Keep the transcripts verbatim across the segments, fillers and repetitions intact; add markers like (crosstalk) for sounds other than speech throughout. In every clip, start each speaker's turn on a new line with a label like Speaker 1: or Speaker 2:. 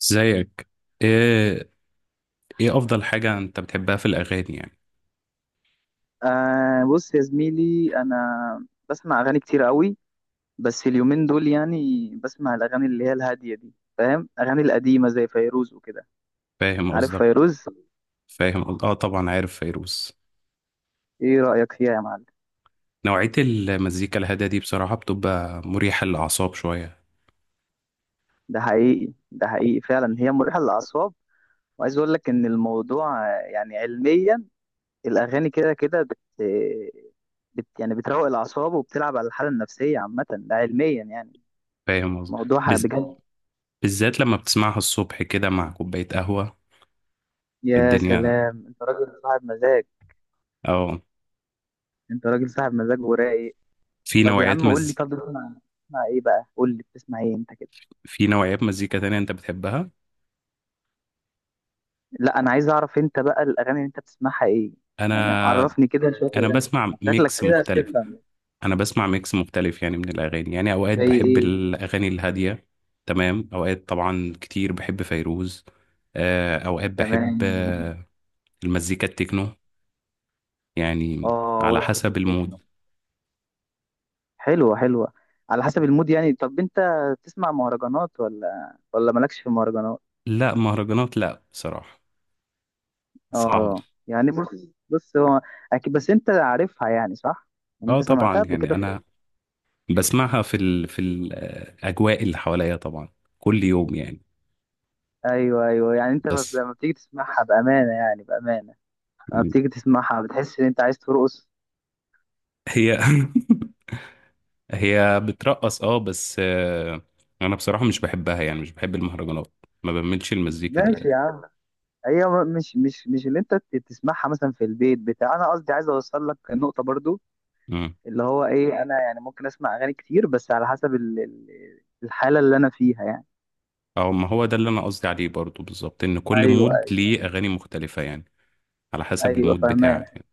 Speaker 1: زيك، ايه؟ ايه افضل حاجة انت بتحبها في الاغاني يعني؟
Speaker 2: آه، بص يا زميلي، انا بسمع اغاني كتير قوي. بس اليومين دول يعني بسمع الاغاني اللي هي الهاديه دي، فاهم؟ اغاني القديمه زي فيروز وكده،
Speaker 1: فاهم
Speaker 2: عارف
Speaker 1: قصدك.
Speaker 2: فيروز؟
Speaker 1: فاهم قصد- اه، طبعا عارف فيروز.
Speaker 2: ايه رايك فيها يا معلم؟
Speaker 1: نوعية المزيكا الهادية دي بصراحة بتبقى مريحة للاعصاب شوية.
Speaker 2: ده حقيقي، ده حقيقي فعلا، هي مريحه للاعصاب. وعايز اقول لك ان الموضوع آه، يعني علميا، الاغاني كده كده بت... بت يعني بتروق الاعصاب وبتلعب على الحاله النفسيه عامه، ده علميا يعني.
Speaker 1: فاهم قصدك
Speaker 2: موضوع
Speaker 1: بز...
Speaker 2: بجد. طب،
Speaker 1: بالذات لما بتسمعها الصبح كده مع كوباية قهوة.
Speaker 2: يا
Speaker 1: الدنيا.
Speaker 2: سلام، انت راجل صاحب مزاج.
Speaker 1: اه.
Speaker 2: انت راجل صاحب مزاج ورايق.
Speaker 1: في
Speaker 2: طب يا
Speaker 1: نوعيات
Speaker 2: عم قول لي،
Speaker 1: مز...
Speaker 2: طب بتسمع بتسمع ايه بقى؟ قول لي بتسمع ايه انت كده؟
Speaker 1: في نوعيات مزيكا تانية انت بتحبها؟
Speaker 2: لا، انا عايز اعرف انت بقى الاغاني اللي انت بتسمعها ايه، يعني
Speaker 1: انا
Speaker 2: عرفني كده شويه الاغاني
Speaker 1: انا
Speaker 2: اللي انت
Speaker 1: بسمع
Speaker 2: بتسمعها، شكلك
Speaker 1: ميكس
Speaker 2: كده
Speaker 1: مختلف.
Speaker 2: بتفهم.
Speaker 1: انا بسمع ميكس مختلف، يعني من الاغاني. يعني اوقات
Speaker 2: زي
Speaker 1: بحب
Speaker 2: ايه؟
Speaker 1: الاغاني الهاديه. تمام. اوقات طبعا كتير بحب فيروز. آه، اوقات بحب
Speaker 2: تمام، جميل.
Speaker 1: آه، المزيكا التكنو، يعني
Speaker 2: اه،
Speaker 1: على
Speaker 2: وقت
Speaker 1: حسب
Speaker 2: التكنو،
Speaker 1: المود.
Speaker 2: حلوه حلوه. على حسب المود يعني. طب انت بتسمع مهرجانات ولا ولا مالكش في مهرجانات؟
Speaker 1: لا، مهرجانات لا بصراحه. صعبه.
Speaker 2: اه، يعني بص بص هو اكيد، بس انت عارفها يعني صح؟ يعني
Speaker 1: اه،
Speaker 2: انت سمعتها
Speaker 1: طبعا
Speaker 2: قبل
Speaker 1: يعني
Speaker 2: كده في
Speaker 1: انا
Speaker 2: ال-
Speaker 1: بسمعها في ال في الاجواء اللي حواليا طبعا، كل يوم يعني.
Speaker 2: ايوه ايوه، يعني انت لما بت-
Speaker 1: بس.
Speaker 2: لما بتيجي تسمعها بامانه، يعني بامانه، لما بتيجي تسمعها بتحس ان انت عايز ترقص.
Speaker 1: هي. (laughs) هي بترقص اه، بس آه، انا بصراحة مش بحبها، يعني مش بحب المهرجانات. ما بملش المزيكا دي
Speaker 2: ماشي
Speaker 1: يعني.
Speaker 2: يا عم. هي م- مش مش مش اللي انت ت- تسمعها مثلا في البيت بتاع، انا قصدي عايز اوصل لك النقطه برضو،
Speaker 1: امم.
Speaker 2: اللي هو ايه، انا يعني ممكن اسمع اغاني كتير بس على حسب ال- ال- الحاله اللي انا فيها يعني.
Speaker 1: او ما هو ده اللي انا قصدي عليه برضو بالظبط، ان كل
Speaker 2: ايوه
Speaker 1: مود
Speaker 2: ايوه
Speaker 1: ليه اغاني مختلفة يعني، على حسب
Speaker 2: ايوه،
Speaker 1: المود
Speaker 2: فاهمان.
Speaker 1: بتاعك يعني.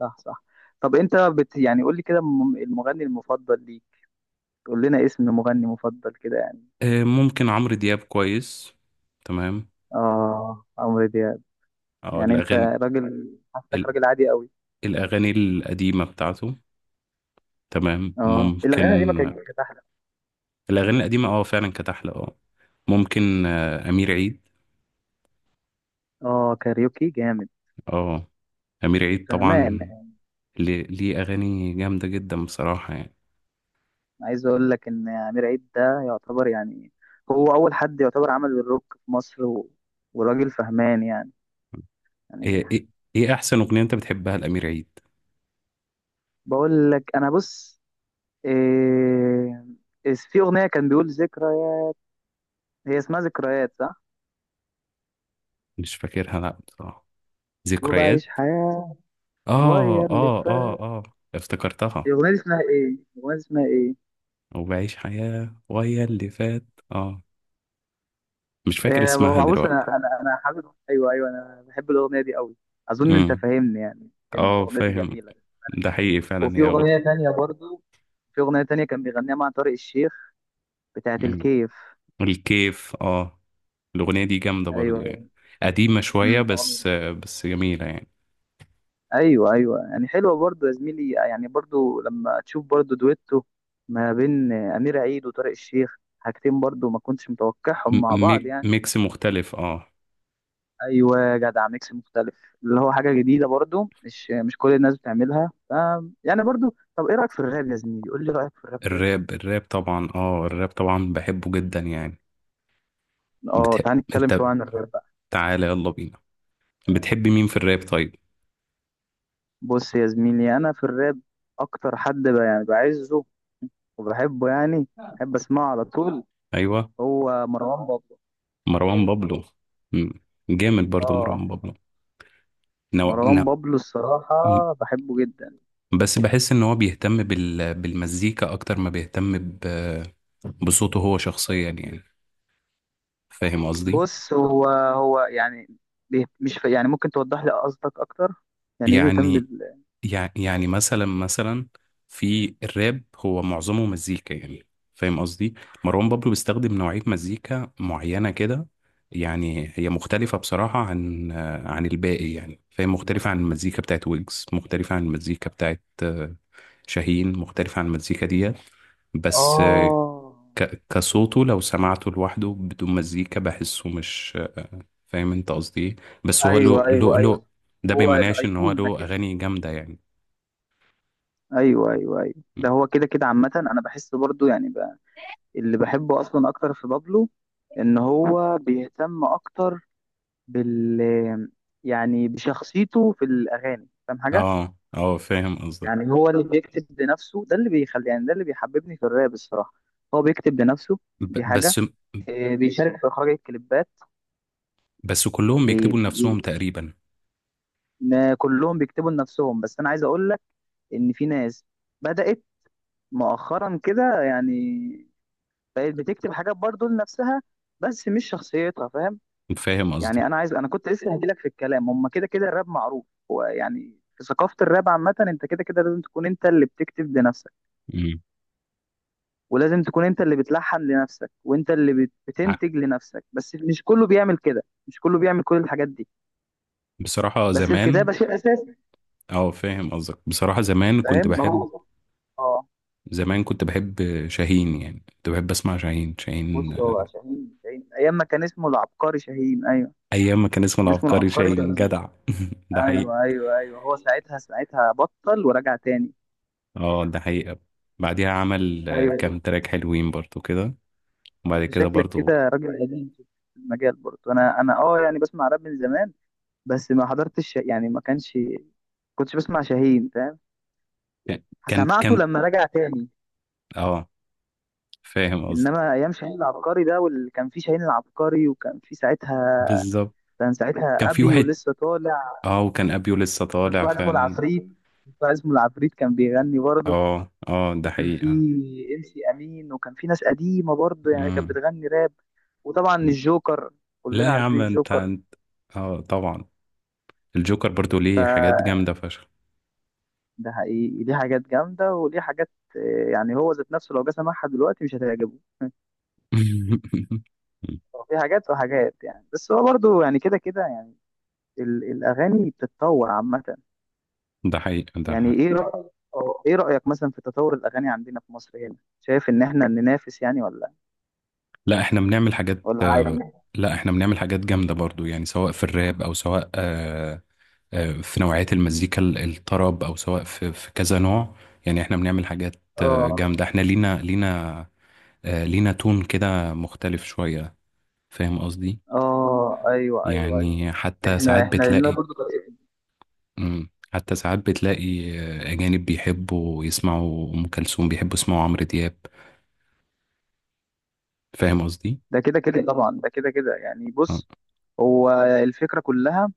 Speaker 2: صح صح. طب انت بت يعني قول لي كده الم- المغني المفضل ليك، قول لنا اسم مغني مفضل كده يعني.
Speaker 1: آه، ممكن عمرو دياب كويس. تمام.
Speaker 2: اه، عمرو دياب.
Speaker 1: او
Speaker 2: يعني انت
Speaker 1: الاغاني،
Speaker 2: راجل، حاسسك
Speaker 1: ال-
Speaker 2: راجل عادي قوي.
Speaker 1: الاغاني القديمة بتاعته. تمام
Speaker 2: اه، الاغاني، الأغاني دي ما كانت
Speaker 1: ممكن.
Speaker 2: كانت أحلى.
Speaker 1: الاغاني القديمة اه، فعلا كانت احلى اه. ممكن آه، امير عيد.
Speaker 2: اه، كاريوكي جامد.
Speaker 1: اه، امير عيد
Speaker 2: فهمان.
Speaker 1: طبعا. ليه ليه اغاني جامده جدا بصراحه يعني.
Speaker 2: عايز اقول لك ان امير عيد ده يعتبر يعني، هو اول حد يعتبر عمل الروك في مصر و... وراجل فهمان يعني. يعني
Speaker 1: ايه، ايه، إيه احسن اغنيه انت بتحبها الامير عيد؟
Speaker 2: بقول لك انا بص، إيه... إيه في اغنيه كان بيقول ذكريات، هي اسمها ذكريات صح؟
Speaker 1: مش فاكرها لا بصراحه. ذكريات.
Speaker 2: وبعيش حياه غير
Speaker 1: اه
Speaker 2: اللي
Speaker 1: اه اه
Speaker 2: فات.
Speaker 1: اه. افتكرتها.
Speaker 2: الاغنيه دي اسمها ايه؟ الاغنيه دي اسمها ايه؟
Speaker 1: وبعيش حياه ويا اللي فات. اه. مش فاكر
Speaker 2: إيه،
Speaker 1: اسمها
Speaker 2: بص
Speaker 1: دلوقتي.
Speaker 2: انا، انا انا حابب، ايوه ايوه، انا بحب الاغنيه دي قوي. اظن انت
Speaker 1: امم.
Speaker 2: فاهمني، يعني فاهمني،
Speaker 1: اه،
Speaker 2: الاغنيه دي
Speaker 1: فاهم.
Speaker 2: جميله.
Speaker 1: ده حقيقي فعلا
Speaker 2: وفي
Speaker 1: هي اغنيه.
Speaker 2: اغنيه تانية برضو، في اغنيه تانية كان بيغنيها مع طارق الشيخ، بتاعة
Speaker 1: امم.
Speaker 2: الكيف.
Speaker 1: الكيف اه. الاغنيه دي جامده برضو يعني،
Speaker 2: ايوه.
Speaker 1: قديمه شويه،
Speaker 2: امم، والله.
Speaker 1: بس بس جميله يعني.
Speaker 2: ايوه ايوه، يعني حلوه برضو يا زميلي، يعني برضو لما تشوف برضو دويتو ما بين امير عيد وطارق الشيخ، حاجتين برضو ما كنتش متوقعهم
Speaker 1: م-
Speaker 2: مع بعض
Speaker 1: ميك-
Speaker 2: يعني.
Speaker 1: ميكس مختلف اه.
Speaker 2: ايوه يا جدع، ميكس مختلف، اللي هو حاجه جديده برضو، مش مش كل الناس بتعملها، ف يعني برضو. طب ايه رايك في الراب يا زميلي؟ قول لي رايك في الراب كده.
Speaker 1: الراب، الراب طبعا، اه، الراب طبعا بحبه جدا يعني.
Speaker 2: اه،
Speaker 1: بتحب
Speaker 2: تعال نتكلم
Speaker 1: انت،
Speaker 2: شويه عن الراب بقى.
Speaker 1: تعالى يلا بينا، بتحب مين في الراب طيب؟
Speaker 2: بص يا زميلي، انا في الراب اكتر حد ب- يعني بعزه وبحبه يعني، بحب اسمعه على طول،
Speaker 1: ايوه.
Speaker 2: هو مروان بابلو.
Speaker 1: مروان بابلو. مم. جامد برضو
Speaker 2: اه،
Speaker 1: مروان بابلو. نو...
Speaker 2: مروان
Speaker 1: نو...
Speaker 2: بابلو الصراحة
Speaker 1: مم.
Speaker 2: بحبه جدا.
Speaker 1: بس بحس ان هو بيهتم بال... بالمزيكا اكتر ما بيهتم ب... بصوته هو شخصيا يعني. فاهم قصدي.
Speaker 2: بص، هو هو يعني بيه- مش ف... يعني ممكن توضح لي قصدك اكتر، يعني ايه بيهتم
Speaker 1: يعني،
Speaker 2: بال؟
Speaker 1: يع- يعني مثلا مثلا، في الراب هو معظمه مزيكا يعني. فاهم قصدي. مروان بابلو بيستخدم نوعية مزيكا معينة كده. يعني هي مختلفة بصراحة عن آه، عن الباقي يعني. فاهم، مختلفة عن المزيكا بتاعت ويجز، مختلفة عن المزيكا بتاعت آه، شاهين، مختلفة عن المزيكا ديت. بس آه،
Speaker 2: اه،
Speaker 1: ك- كصوته لو سمعته لوحده بدون مزيكا، بحسه مش، فاهم انت قصدي ايه. بس هو له،
Speaker 2: ايوه ايوه
Speaker 1: له
Speaker 2: ايوه،
Speaker 1: له ده ما
Speaker 2: هو
Speaker 1: يمنعش ان هو
Speaker 2: الايقونة
Speaker 1: له
Speaker 2: كده.
Speaker 1: اغاني جامدة يعني.
Speaker 2: ايوه ايوه ايوه، ده هو كده كده عامة. انا بحس برضو يعني بقى اللي بحبه اصلا اكتر في بابلو ان هو بيهتم اكتر بال، يعني بشخصيته في الاغاني، فاهم حاجة؟
Speaker 1: اه اه، فاهم قصدك.
Speaker 2: يعني هو اللي بيكتب لنفسه، ده اللي بيخلي يعني، ده اللي بيحببني في الراب الصراحة، هو بيكتب لنفسه،
Speaker 1: ب-
Speaker 2: دي حاجة.
Speaker 1: بس
Speaker 2: إيه، بيشارك في إخراج الكليبات.
Speaker 1: بس كلهم
Speaker 2: بي...
Speaker 1: بيكتبوا
Speaker 2: بي...
Speaker 1: لنفسهم تقريبا.
Speaker 2: ما كلهم بيكتبوا لنفسهم، بس أنا عايز أقول لك إن في ناس بدأت مؤخرا كده يعني بقت بتكتب حاجات برضو لنفسها، بس مش شخصيتها، فاهم؟
Speaker 1: فاهم
Speaker 2: يعني
Speaker 1: قصدك.
Speaker 2: أنا عايز، أنا كنت لسه هجيلك في الكلام. هما كده كده الراب معروف هو يعني، في ثقافة الراب عامة أنت كده كده لازم تكون أنت اللي بتكتب لنفسك،
Speaker 1: مم.
Speaker 2: ولازم تكون انت اللي بتلحن لنفسك، وانت اللي بت-
Speaker 1: ع-
Speaker 2: بتنتج لنفسك، بس مش كله بيعمل كده، مش كله بيعمل كل الحاجات دي.
Speaker 1: بصراحة
Speaker 2: بس
Speaker 1: زمان.
Speaker 2: الكتابة شيء اساسي،
Speaker 1: اه، فاهم قصدك. بصراحة زمان
Speaker 2: فاهم؟
Speaker 1: كنت
Speaker 2: ما
Speaker 1: بحب،
Speaker 2: هو اه.
Speaker 1: زمان كنت بحب شاهين. يعني كنت بحب اسمع شاهين شاهين
Speaker 2: بص،
Speaker 1: آه،
Speaker 2: هو شاهين شاهين ايام ما كان اسمه العبقري شاهين، ايوه،
Speaker 1: ايام ما كان اسمه
Speaker 2: كان اسمه
Speaker 1: العبقري
Speaker 2: العبقري
Speaker 1: شاهين
Speaker 2: شاهين.
Speaker 1: جدع. (laughs) ده حقيقي.
Speaker 2: ايوه ايوه ايوه، هو ساعتها ساعتها بطل ورجع تاني.
Speaker 1: اه، ده حقيقة. بعديها عمل آه،
Speaker 2: ايوه،
Speaker 1: كام تراك حلوين برضو كده، وبعد
Speaker 2: انت
Speaker 1: كده
Speaker 2: شكلك
Speaker 1: برضو.
Speaker 2: كده راجل قديم في المجال برضه. انا انا اه يعني بسمع راب من زمان، بس ما حضرتش يعني ما كانش كنتش بسمع شاهين، فاهم؟
Speaker 1: كان كان
Speaker 2: سمعته
Speaker 1: كان-
Speaker 2: لما رجع تاني.
Speaker 1: اه فاهم قصدك
Speaker 2: انما ايام شاهين العبقري ده، واللي كان فيه شاهين العبقري وكان فيه ساعتها،
Speaker 1: بالظبط،
Speaker 2: كان
Speaker 1: كان
Speaker 2: ساعتها
Speaker 1: في
Speaker 2: ابي
Speaker 1: واحد.
Speaker 2: ولسه طالع،
Speaker 1: اه، وكان ابيو لسه
Speaker 2: وكان في
Speaker 1: طالع
Speaker 2: واحد اسمه
Speaker 1: فعلا.
Speaker 2: العفريت، في واحد اسمه العفريت، كان بيغني برضه.
Speaker 1: اه اه ده
Speaker 2: وكان في
Speaker 1: حقيقة.
Speaker 2: ام سي امين، وكان في ناس قديمه برضه يعني كانت
Speaker 1: مم.
Speaker 2: بتغني راب. وطبعا الجوكر،
Speaker 1: لا
Speaker 2: كلنا
Speaker 1: يا
Speaker 2: عارفين
Speaker 1: عم، انت
Speaker 2: الجوكر،
Speaker 1: انت اه طبعا الجوكر برضو ليه حاجات
Speaker 2: فده
Speaker 1: جامدة فشخ.
Speaker 2: حقيقي، ليه حاجات جامده وليه حاجات آه، يعني هو ذات نفسه لو جه سمعها دلوقتي مش هتعجبه.
Speaker 1: (laughs)
Speaker 2: هو في حاجات وحاجات يعني، بس هو برضه يعني كده كده يعني ال- الاغاني بتتطور عامه.
Speaker 1: ده حقيقة، ده
Speaker 2: يعني ايه،
Speaker 1: حقيقة.
Speaker 2: لا رأيك أو ايه رأيك مثلا في تطور الاغاني عندنا في مصر هنا؟ شايف ان احنا ننافس يعني؟ ولا
Speaker 1: لا احنا بنعمل حاجات
Speaker 2: ولا
Speaker 1: آه،
Speaker 2: عادي؟
Speaker 1: لا، احنا بنعمل حاجات جامدة برضو يعني، سواء في الراب، او سواء آه، آه، في نوعية المزيكا ال- الطرب، او سواء في في كذا نوع يعني. احنا بنعمل حاجات آه،
Speaker 2: اه
Speaker 1: جامدة. احنا لينا، لينا آه، لينا تون كده مختلف شوية. فاهم قصدي؟
Speaker 2: اه، ايوه ايوه ايوه.
Speaker 1: يعني حتى
Speaker 2: احنا
Speaker 1: ساعات
Speaker 2: احنا لنا
Speaker 1: بتلاقي.
Speaker 2: برضه طريقتنا.
Speaker 1: مم. حتى ساعات بتلاقي آه، أجانب بيحبوا يسمعوا أم كلثوم، بيحبوا يسمعوا عمرو دياب. فاهم قصدي؟
Speaker 2: ده كده كده طبعا، ده كده كده يعني.
Speaker 1: آه.
Speaker 2: بص هو، الفكرة كلها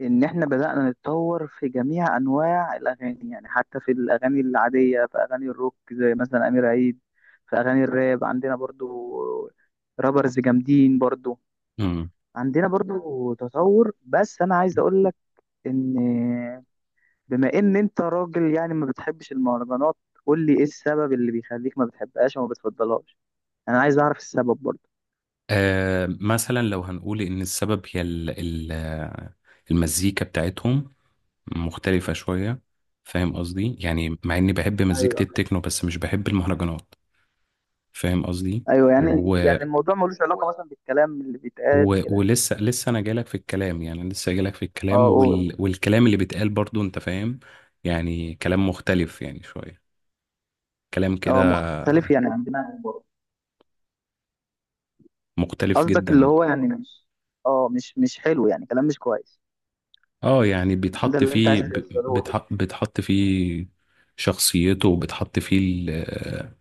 Speaker 2: إن إحنا بدأنا نتطور في جميع أنواع الأغاني، يعني حتى في الأغاني العادية، في أغاني الروك زي مثلا أمير عيد، في أغاني الراب عندنا برضو رابرز جامدين برضو،
Speaker 1: مم.
Speaker 2: عندنا برضو تطور. بس أنا عايز أقول ان بما ان انت راجل يعني ما بتحبش المهرجانات، قول لي ايه السبب اللي بيخليك ما بتحبهاش وما بتفضلهاش، انا عايز اعرف السبب برضه.
Speaker 1: آه، مثلا لو هنقول إن السبب هي ال ال آه، المزيكا بتاعتهم مختلفة شوية. فاهم قصدي؟ يعني مع إني بحب مزيكة
Speaker 2: ايوه
Speaker 1: التكنو، بس مش بحب المهرجانات. فاهم قصدي؟
Speaker 2: ايوه، يعني
Speaker 1: و...
Speaker 2: يعني الموضوع ملوش علاقة مثلا بالكلام اللي بيتقال
Speaker 1: و...
Speaker 2: كده.
Speaker 1: ولسه لسه انا جايلك في الكلام، يعني لسه جايلك في الكلام
Speaker 2: اه، قول.
Speaker 1: وال... والكلام اللي بيتقال برضو انت فاهم. يعني كلام مختلف يعني شوية، كلام
Speaker 2: اه،
Speaker 1: كده
Speaker 2: مختلف يعني عن دماغك برضه؟
Speaker 1: مختلف
Speaker 2: قصدك اللي
Speaker 1: جدا.
Speaker 2: هو يعني مش، اه، مش مش حلو يعني، كلام مش كويس،
Speaker 1: اه يعني
Speaker 2: ده
Speaker 1: بيتحط
Speaker 2: اللي انت عايز
Speaker 1: فيه ب...
Speaker 2: توصله لي.
Speaker 1: بتح... بتحط فيه شخصيته، وبتحط فيه ال-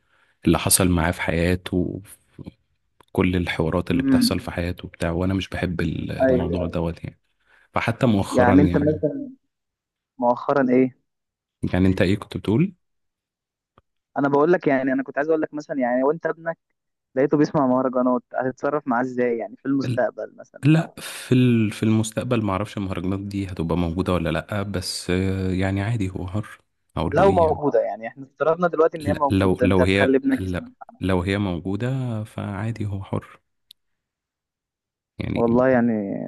Speaker 1: اللي حصل معاه في حياته، كل الحوارات اللي بتحصل في
Speaker 2: امم،
Speaker 1: حياته بتاع. وانا مش بحب ال- الموضوع
Speaker 2: ايوه.
Speaker 1: دوت يعني. فحتى مؤخرا
Speaker 2: يعني انت
Speaker 1: يعني.
Speaker 2: مثلا، مؤخرا ايه؟
Speaker 1: يعني انت ايه كنت بتقول؟
Speaker 2: انا بقول لك يعني، انا كنت عايز اقول لك مثلا يعني، وانت ابنك لقيته بيسمع مهرجانات، هتتصرف معاه ازاي يعني في المستقبل مثلا؟
Speaker 1: لا،
Speaker 2: او
Speaker 1: في ال- في المستقبل ما اعرفش المهرجانات دي هتبقى موجودة ولا لا، بس آه، يعني عادي هو حر. اقول له
Speaker 2: لو
Speaker 1: ايه يعني.
Speaker 2: موجودة يعني، احنا افترضنا دلوقتي ان هي
Speaker 1: لا لو
Speaker 2: موجودة، انت
Speaker 1: لو
Speaker 2: هتخلي
Speaker 1: هي
Speaker 2: ابنك
Speaker 1: لا،
Speaker 2: يسمع؟
Speaker 1: لو هي موجودة فعادي هو حر يعني.
Speaker 2: والله يعني.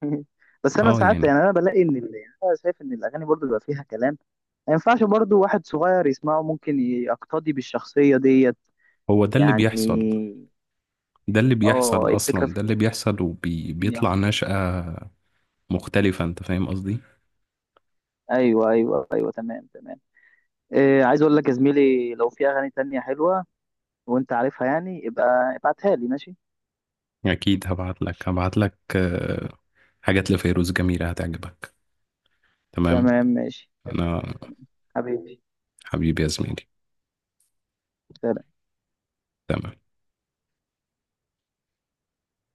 Speaker 2: (laughs) بس انا
Speaker 1: اه
Speaker 2: ساعات
Speaker 1: يعني،
Speaker 2: يعني انا بلاقي ان ال- يعني انا شايف ان الاغاني برضو بيبقى فيها كلام ما ينفعش برضو واحد صغير يسمعه، ممكن يقتدي بالشخصية ديت
Speaker 1: هو ده اللي
Speaker 2: يعني.
Speaker 1: بيحصل. ده اللي
Speaker 2: اه،
Speaker 1: بيحصل
Speaker 2: الفكرة
Speaker 1: اصلا،
Speaker 2: في
Speaker 1: ده اللي
Speaker 2: كده،
Speaker 1: بيحصل
Speaker 2: ممكن
Speaker 1: وبيطلع
Speaker 2: يحصل.
Speaker 1: نشأة مختلفة، انت فاهم قصدي.
Speaker 2: ايوه ايوه ايوه، تمام تمام. إيه، عايز اقول لك يا زميلي لو في اغاني تانية حلوة وانت عارفها يعني، ابقى ابعتها لي ماشي؟
Speaker 1: اكيد هبعت لك، هبعت لك آه، حاجات لفيروز جميلة هتعجبك. تمام.
Speaker 2: تمام، ماشي، تمام.
Speaker 1: انا.
Speaker 2: تمام. حبيبي.
Speaker 1: حبيبي يا زميلي.
Speaker 2: سلام.
Speaker 1: تمام